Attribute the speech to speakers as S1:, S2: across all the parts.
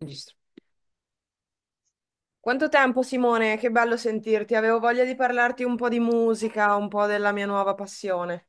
S1: Registro. Quanto tempo, Simone? Che bello sentirti. Avevo voglia di parlarti un po' di musica, un po' della mia nuova passione.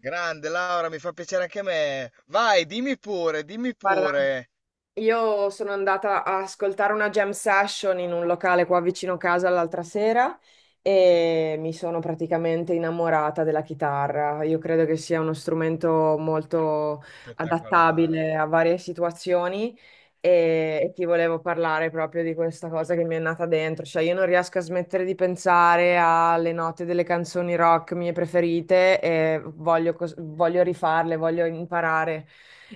S2: Grande Laura, mi fa piacere anche a me. Vai, dimmi pure, dimmi
S1: Guarda,
S2: pure.
S1: io sono andata a ascoltare una jam session in un locale qua vicino casa l'altra sera e mi sono praticamente innamorata della chitarra. Io credo che sia uno strumento molto
S2: Spettacolare.
S1: adattabile a varie situazioni e ti volevo parlare proprio di questa cosa che mi è nata dentro. Cioè, io non riesco a smettere di pensare alle note delle canzoni rock mie preferite e voglio voglio rifarle, voglio imparare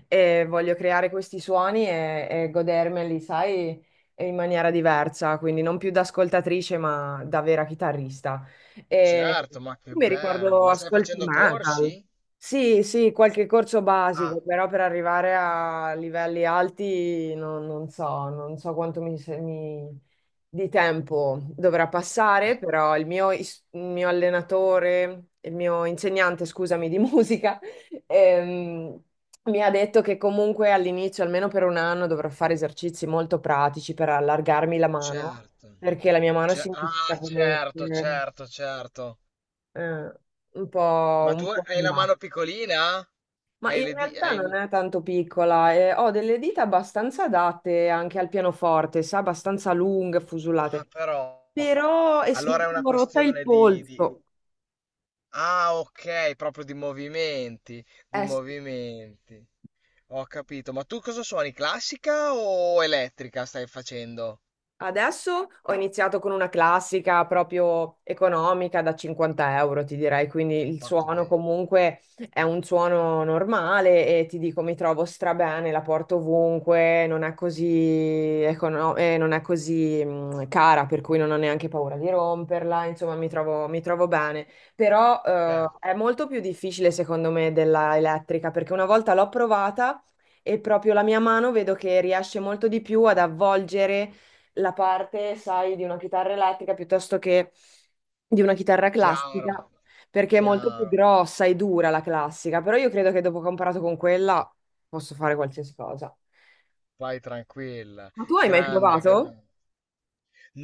S1: e voglio creare questi suoni e godermeli, sai, in maniera diversa, quindi non più da ascoltatrice, ma da vera chitarrista. E
S2: Certo, ma che
S1: mi
S2: bello.
S1: ricordo
S2: Ma stai
S1: ascolti
S2: facendo
S1: metal.
S2: corsi?
S1: Sì, sì, qualche corso
S2: Ah,
S1: basico, però per arrivare a livelli alti non so, non so quanto mi, di tempo dovrà
S2: beh,
S1: passare, però il mio allenatore, il mio insegnante, scusami, di musica, ehm, mi ha detto che comunque all'inizio, almeno per un anno, dovrò fare esercizi molto pratici per allargarmi la mano,
S2: certo.
S1: perché la mia mano sinistra
S2: Ah, certo,
S1: comunque
S2: certo, certo.
S1: eh,
S2: Ma tu
S1: un po'
S2: hai
S1: in
S2: la
S1: là.
S2: mano piccolina?
S1: Ma
S2: Hai
S1: in
S2: le di...
S1: realtà non
S2: hai-
S1: è tanto piccola, e ho delle dita abbastanza adatte anche al pianoforte, sa, abbastanza lunghe,
S2: Ah,
S1: fusulate,
S2: però.
S1: però mi
S2: Allora è una
S1: sono rotta il
S2: questione di.
S1: polso.
S2: Ah, ok, proprio di movimenti, di
S1: Eh sì.
S2: movimenti. Ho capito, ma tu cosa suoni? Classica o elettrica stai facendo?
S1: Adesso ho iniziato con una classica proprio economica da 50 euro, ti direi, quindi il
S2: Fatto
S1: suono
S2: bene.
S1: comunque è un suono normale e ti dico mi trovo strabene, la porto ovunque, non è così, non è così cara, per cui non ho neanche paura di romperla, insomma mi trovo bene. Però
S2: Certo.
S1: è molto più difficile secondo me della elettrica perché una volta l'ho provata e proprio la mia mano vedo che riesce molto di più ad avvolgere la parte, sai, di una chitarra elettrica piuttosto che di una chitarra
S2: Chiaro,
S1: classica, perché è molto più
S2: chiaro.
S1: grossa e dura la classica, però io credo che dopo che ho imparato con quella posso fare qualsiasi cosa.
S2: Vai tranquilla.
S1: Ma tu hai mai
S2: Grande,
S1: provato?
S2: grande.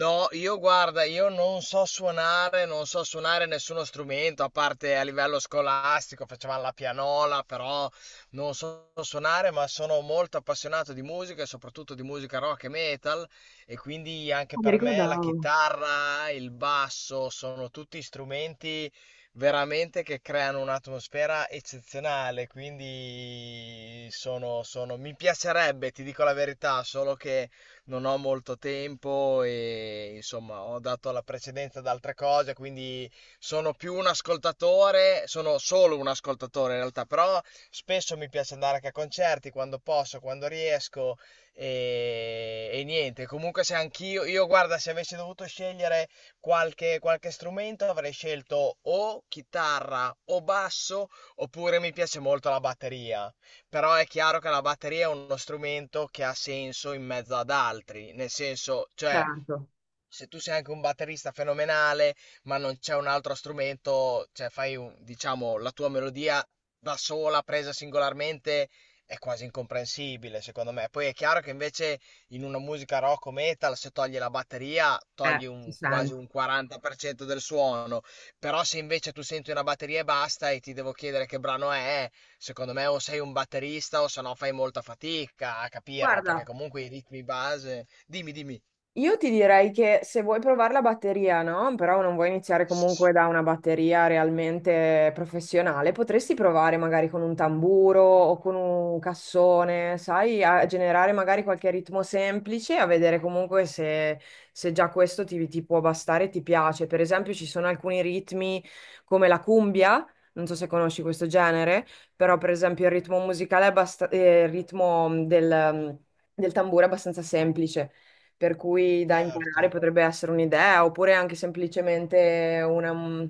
S2: No, io guarda, io non so suonare, non so suonare nessuno strumento, a parte a livello scolastico, facevamo la pianola, però non so suonare, ma sono molto appassionato di musica e soprattutto di musica rock e metal e quindi anche
S1: Ah, mi
S2: per me la
S1: ricordavo.
S2: chitarra, il basso sono tutti strumenti veramente che creano un'atmosfera eccezionale, quindi mi piacerebbe, ti dico la verità, solo che non ho molto tempo e insomma ho dato la precedenza ad altre cose, quindi sono più un ascoltatore, sono solo un ascoltatore in realtà, però spesso mi piace andare anche a concerti quando posso, quando riesco e niente, comunque se anch'io, io guarda, se avessi dovuto scegliere qualche strumento avrei scelto o chitarra o basso oppure mi piace molto la batteria. Però è chiaro che la batteria è uno strumento che ha senso in mezzo ad altri, nel senso, cioè,
S1: Certo,
S2: se tu sei anche un batterista fenomenale, ma non c'è un altro strumento, cioè diciamo, la tua melodia da sola, presa singolarmente, è quasi incomprensibile, secondo me. Poi è chiaro che invece in una musica rock o metal, se togli la batteria, togli
S1: si
S2: quasi un
S1: sente.
S2: 40% del suono. Però se invece tu senti una batteria e basta e ti devo chiedere che brano è, secondo me o sei un batterista o se no fai molta fatica a capirlo, perché
S1: Guarda,
S2: comunque i ritmi base. Dimmi, dimmi.
S1: io ti direi che se vuoi provare la batteria, no? Però non vuoi iniziare comunque da una batteria realmente professionale, potresti provare magari con un tamburo o con un cassone, sai, a generare magari qualche ritmo semplice, a vedere comunque se, se già questo ti, ti può bastare e ti piace. Per esempio, ci sono alcuni ritmi come la cumbia. Non so se conosci questo genere, però per esempio il ritmo musicale è il ritmo del tamburo è abbastanza semplice per cui da
S2: Certo.
S1: imparare potrebbe essere un'idea, oppure anche semplicemente una,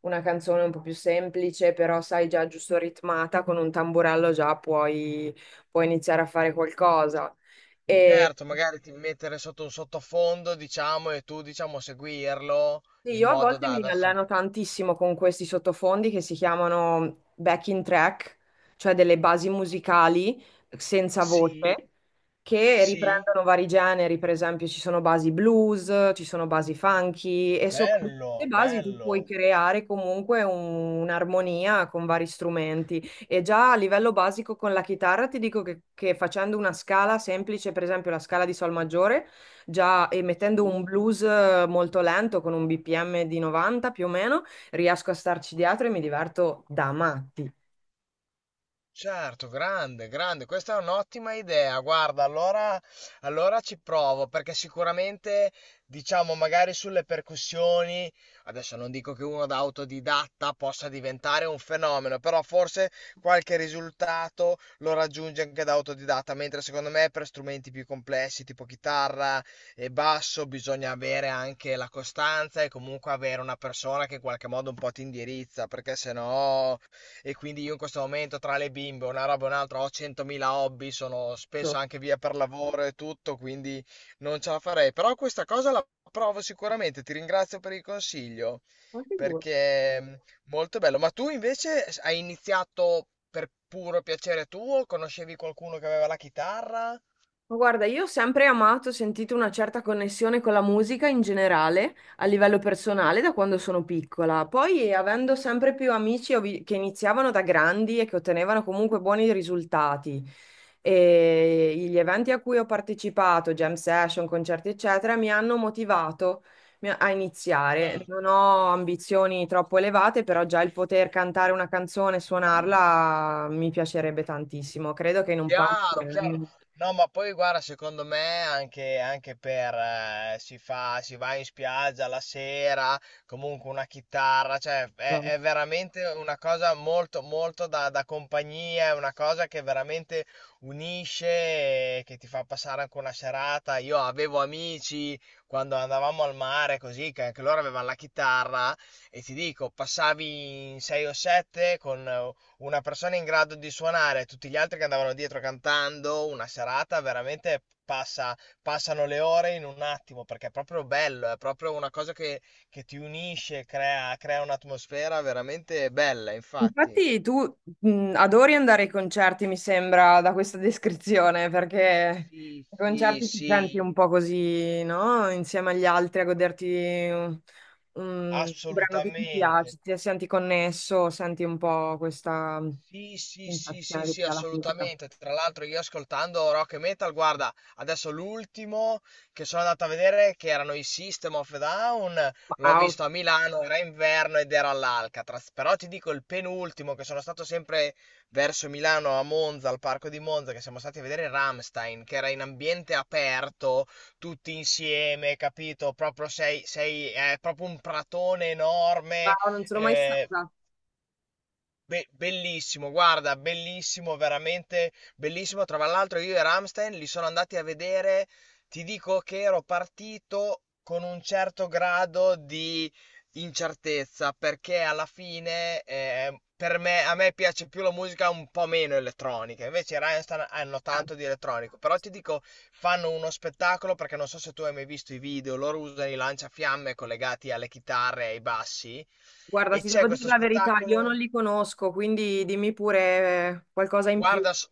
S1: una canzone un po' più semplice, però sai già giusto ritmata, con un tamburello già puoi, puoi iniziare a fare qualcosa. E
S2: Certo,
S1: mhm.
S2: magari ti mettere sotto un sottofondo, diciamo, e tu, diciamo, seguirlo
S1: Sì,
S2: in
S1: io a
S2: modo
S1: volte
S2: da...
S1: mi
S2: da sim-
S1: alleno tantissimo con questi sottofondi che si chiamano backing track, cioè delle basi musicali senza
S2: Sì,
S1: voce che
S2: sì,
S1: riprendono vari generi, per esempio ci sono basi blues, ci sono basi funky e sopra queste
S2: Bello,
S1: basi tu puoi
S2: bello.
S1: creare comunque un'armonia con vari strumenti e già a livello basico con la chitarra ti dico che facendo una scala semplice, per esempio la scala di sol maggiore. Già, e mettendo un
S2: Sì.
S1: blues molto lento con un BPM di 90 più o meno, riesco a starci dietro e mi diverto da matti.
S2: Certo, grande, grande, questa è un'ottima idea. Guarda, allora ci provo perché sicuramente, diciamo, magari sulle percussioni, adesso non dico che uno da autodidatta possa diventare un fenomeno, però forse qualche risultato lo raggiunge anche da autodidatta, mentre secondo me per strumenti più complessi, tipo chitarra e basso, bisogna avere anche la costanza e comunque avere una persona che in qualche modo un po' ti indirizza, perché sennò e quindi io in questo momento tra le bimbe, una roba e un'altra, ho 100.000 hobby, sono spesso
S1: Ma
S2: anche via per lavoro e tutto, quindi non ce la farei. Però questa cosa la provo sicuramente, ti ringrazio per il consiglio,
S1: figurati.
S2: perché molto bello. Ma tu invece hai iniziato per puro piacere tuo? Conoscevi qualcuno che aveva la chitarra?
S1: Ma guarda, io ho sempre amato, ho sentito una certa connessione con la musica in generale, a livello personale, da quando sono piccola. Poi, avendo sempre più amici che iniziavano da grandi e che ottenevano comunque buoni risultati, e gli eventi a cui ho partecipato, jam session, concerti, eccetera, mi hanno motivato a iniziare. Non ho ambizioni troppo elevate, però già il poter cantare una canzone e suonarla mi piacerebbe tantissimo. Credo che in un paio di
S2: Chiaro, chiaro.
S1: anni.
S2: No, ma poi guarda, secondo me anche per si va in spiaggia la sera, comunque una chitarra, cioè è veramente una cosa molto, molto da compagnia, è una cosa che veramente unisce e che ti fa passare anche una serata. Io avevo amici quando andavamo al mare così, che anche loro avevano la chitarra e ti dico, passavi in 6 o 7 con una persona in grado di suonare, tutti gli altri che andavano dietro cantando, una serata veramente passano le ore in un attimo, perché è proprio bello, è proprio una cosa che ti unisce, crea un'atmosfera veramente bella, infatti.
S1: Infatti tu adori andare ai concerti, mi sembra, da questa descrizione, perché
S2: Sì,
S1: ai
S2: sì,
S1: concerti ti senti
S2: sì,
S1: un po' così, no? Insieme agli altri a goderti un, un brano che ti
S2: assolutamente.
S1: piace, ti senti connesso, senti un po' questa
S2: Sì, sì, sì,
S1: sensazione
S2: sì,
S1: che ti
S2: sì,
S1: dà la musica.
S2: assolutamente. Tra l'altro io ascoltando rock e metal, guarda, adesso l'ultimo che sono andato a vedere, che erano i System of a Down, l'ho
S1: Wow,
S2: visto a Milano, era inverno ed era all'Alcatraz. Però ti dico il penultimo, che sono stato sempre verso Milano, a Monza, al parco di Monza, che siamo stati a vedere Rammstein, che era in ambiente aperto, tutti insieme, capito? Proprio è proprio un pratone enorme.
S1: wow, non sono mai
S2: Eh,
S1: stata.
S2: Bellissimo, guarda, bellissimo, veramente bellissimo. Tra l'altro io e Ramstein li sono andati a vedere, ti dico che ero partito con un certo grado di incertezza, perché alla fine per me, a me piace più la musica un po' meno elettronica, invece i Rammstein hanno tanto di elettronico, però ti dico, fanno uno spettacolo perché non so se tu hai mai visto i video, loro usano i lanciafiamme collegati alle chitarre e ai bassi
S1: Guarda,
S2: e
S1: ti
S2: c'è
S1: devo dire
S2: questo
S1: la verità, io non
S2: spettacolo...
S1: li conosco, quindi dimmi pure qualcosa in più.
S2: Guarda,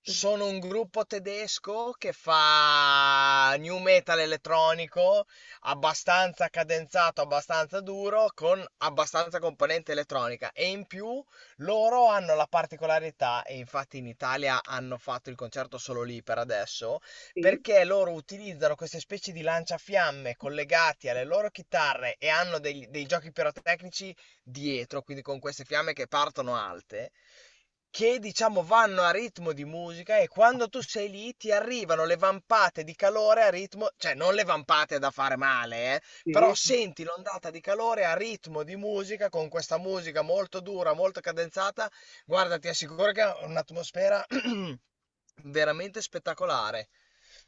S2: sono un gruppo tedesco che fa new metal elettronico, abbastanza cadenzato, abbastanza duro, con abbastanza componente elettronica. E in più loro hanno la particolarità, e infatti in Italia hanno fatto il concerto solo lì per adesso,
S1: Sì,
S2: perché loro utilizzano queste specie di lanciafiamme collegati alle loro chitarre e hanno dei giochi pirotecnici dietro, quindi con queste fiamme che partono alte che diciamo vanno a ritmo di musica e quando tu sei lì ti arrivano le vampate di calore a ritmo, cioè non le vampate da fare male, però
S1: sì.
S2: senti l'ondata di calore a ritmo di musica con questa musica molto dura, molto cadenzata, guarda, ti assicuro che è un'atmosfera veramente spettacolare,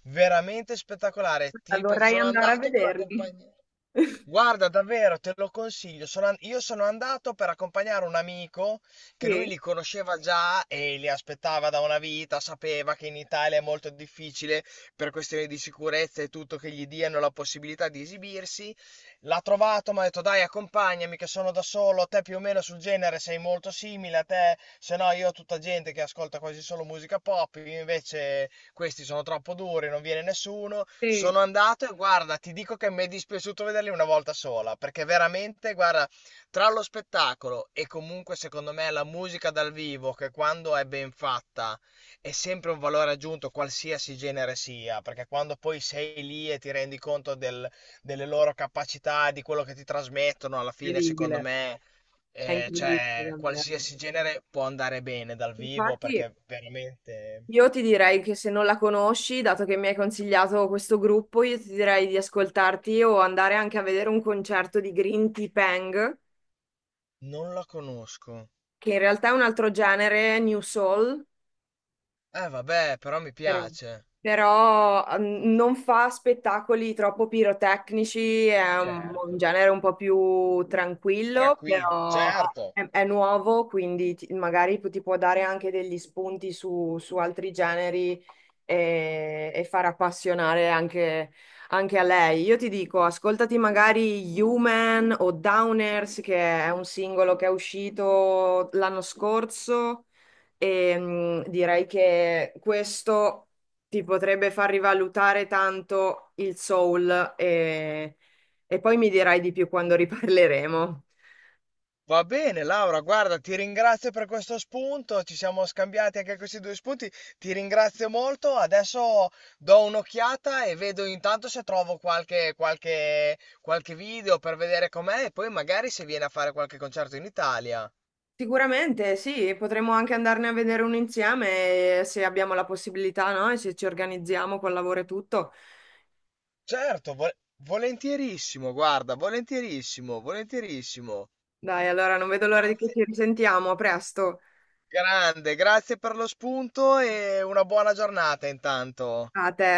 S2: veramente spettacolare. Ti ripeto,
S1: Vorrei
S2: sono
S1: andare a
S2: andato per
S1: vederli.
S2: accompagnare. Guarda, davvero, te lo consiglio. Io sono andato per accompagnare un amico che lui
S1: Sì,
S2: li conosceva già e li aspettava da una vita, sapeva che in Italia è molto difficile per questioni di sicurezza e tutto che gli diano la possibilità di esibirsi. L'ha trovato, mi ha detto dai, accompagnami che sono da solo, te più o meno sul genere sei molto simile a te, se no io ho tutta gente che ascolta quasi solo musica pop, io invece questi sono troppo duri, non viene nessuno.
S1: sì,
S2: Sono andato e guarda, ti dico che mi è dispiaciuto vederli una volta sola, perché veramente, guarda, tra lo spettacolo e comunque secondo me la musica dal vivo, che quando è ben fatta è sempre un valore aggiunto, qualsiasi genere sia, perché quando poi sei lì e ti rendi conto delle loro capacità, di quello che ti trasmettono, alla fine, secondo
S1: incredibile,
S2: me...
S1: è incredibile
S2: Cioè,
S1: davvero.
S2: qualsiasi genere può andare bene dal vivo
S1: Infatti,
S2: perché veramente.
S1: io ti direi che se non la conosci, dato che mi hai consigliato questo gruppo, io ti direi di ascoltarti o andare anche a vedere un concerto di Green Tea Peng,
S2: Non la conosco.
S1: che in realtà è un altro genere, New Soul.
S2: Eh vabbè, però mi
S1: Vero.
S2: piace.
S1: Però non fa spettacoli troppo pirotecnici, è un
S2: Certo.
S1: genere un po' più tranquillo,
S2: Tranquillo,
S1: però
S2: certo.
S1: è nuovo, quindi magari ti può dare anche degli spunti su, su altri generi e far appassionare anche, anche a lei. Io ti dico, ascoltati magari Human o Downers, che è un singolo che è uscito l'anno scorso. E direi che questo ti potrebbe far rivalutare tanto il soul e poi mi dirai di più quando riparleremo.
S2: Va bene, Laura, guarda, ti ringrazio per questo spunto, ci siamo scambiati anche questi due spunti, ti ringrazio molto, adesso do un'occhiata e vedo intanto se trovo qualche video per vedere com'è e poi magari se viene a fare qualche concerto in Italia.
S1: Sicuramente sì, potremmo anche andarne a vedere un insieme se abbiamo la possibilità, no? E se ci organizziamo col lavoro e tutto.
S2: Certo, volentierissimo, guarda, volentierissimo, volentierissimo.
S1: Dai, allora non vedo l'ora di che
S2: Grazie,
S1: ci risentiamo. A presto.
S2: grande, grazie per lo spunto e una buona giornata intanto.
S1: A te.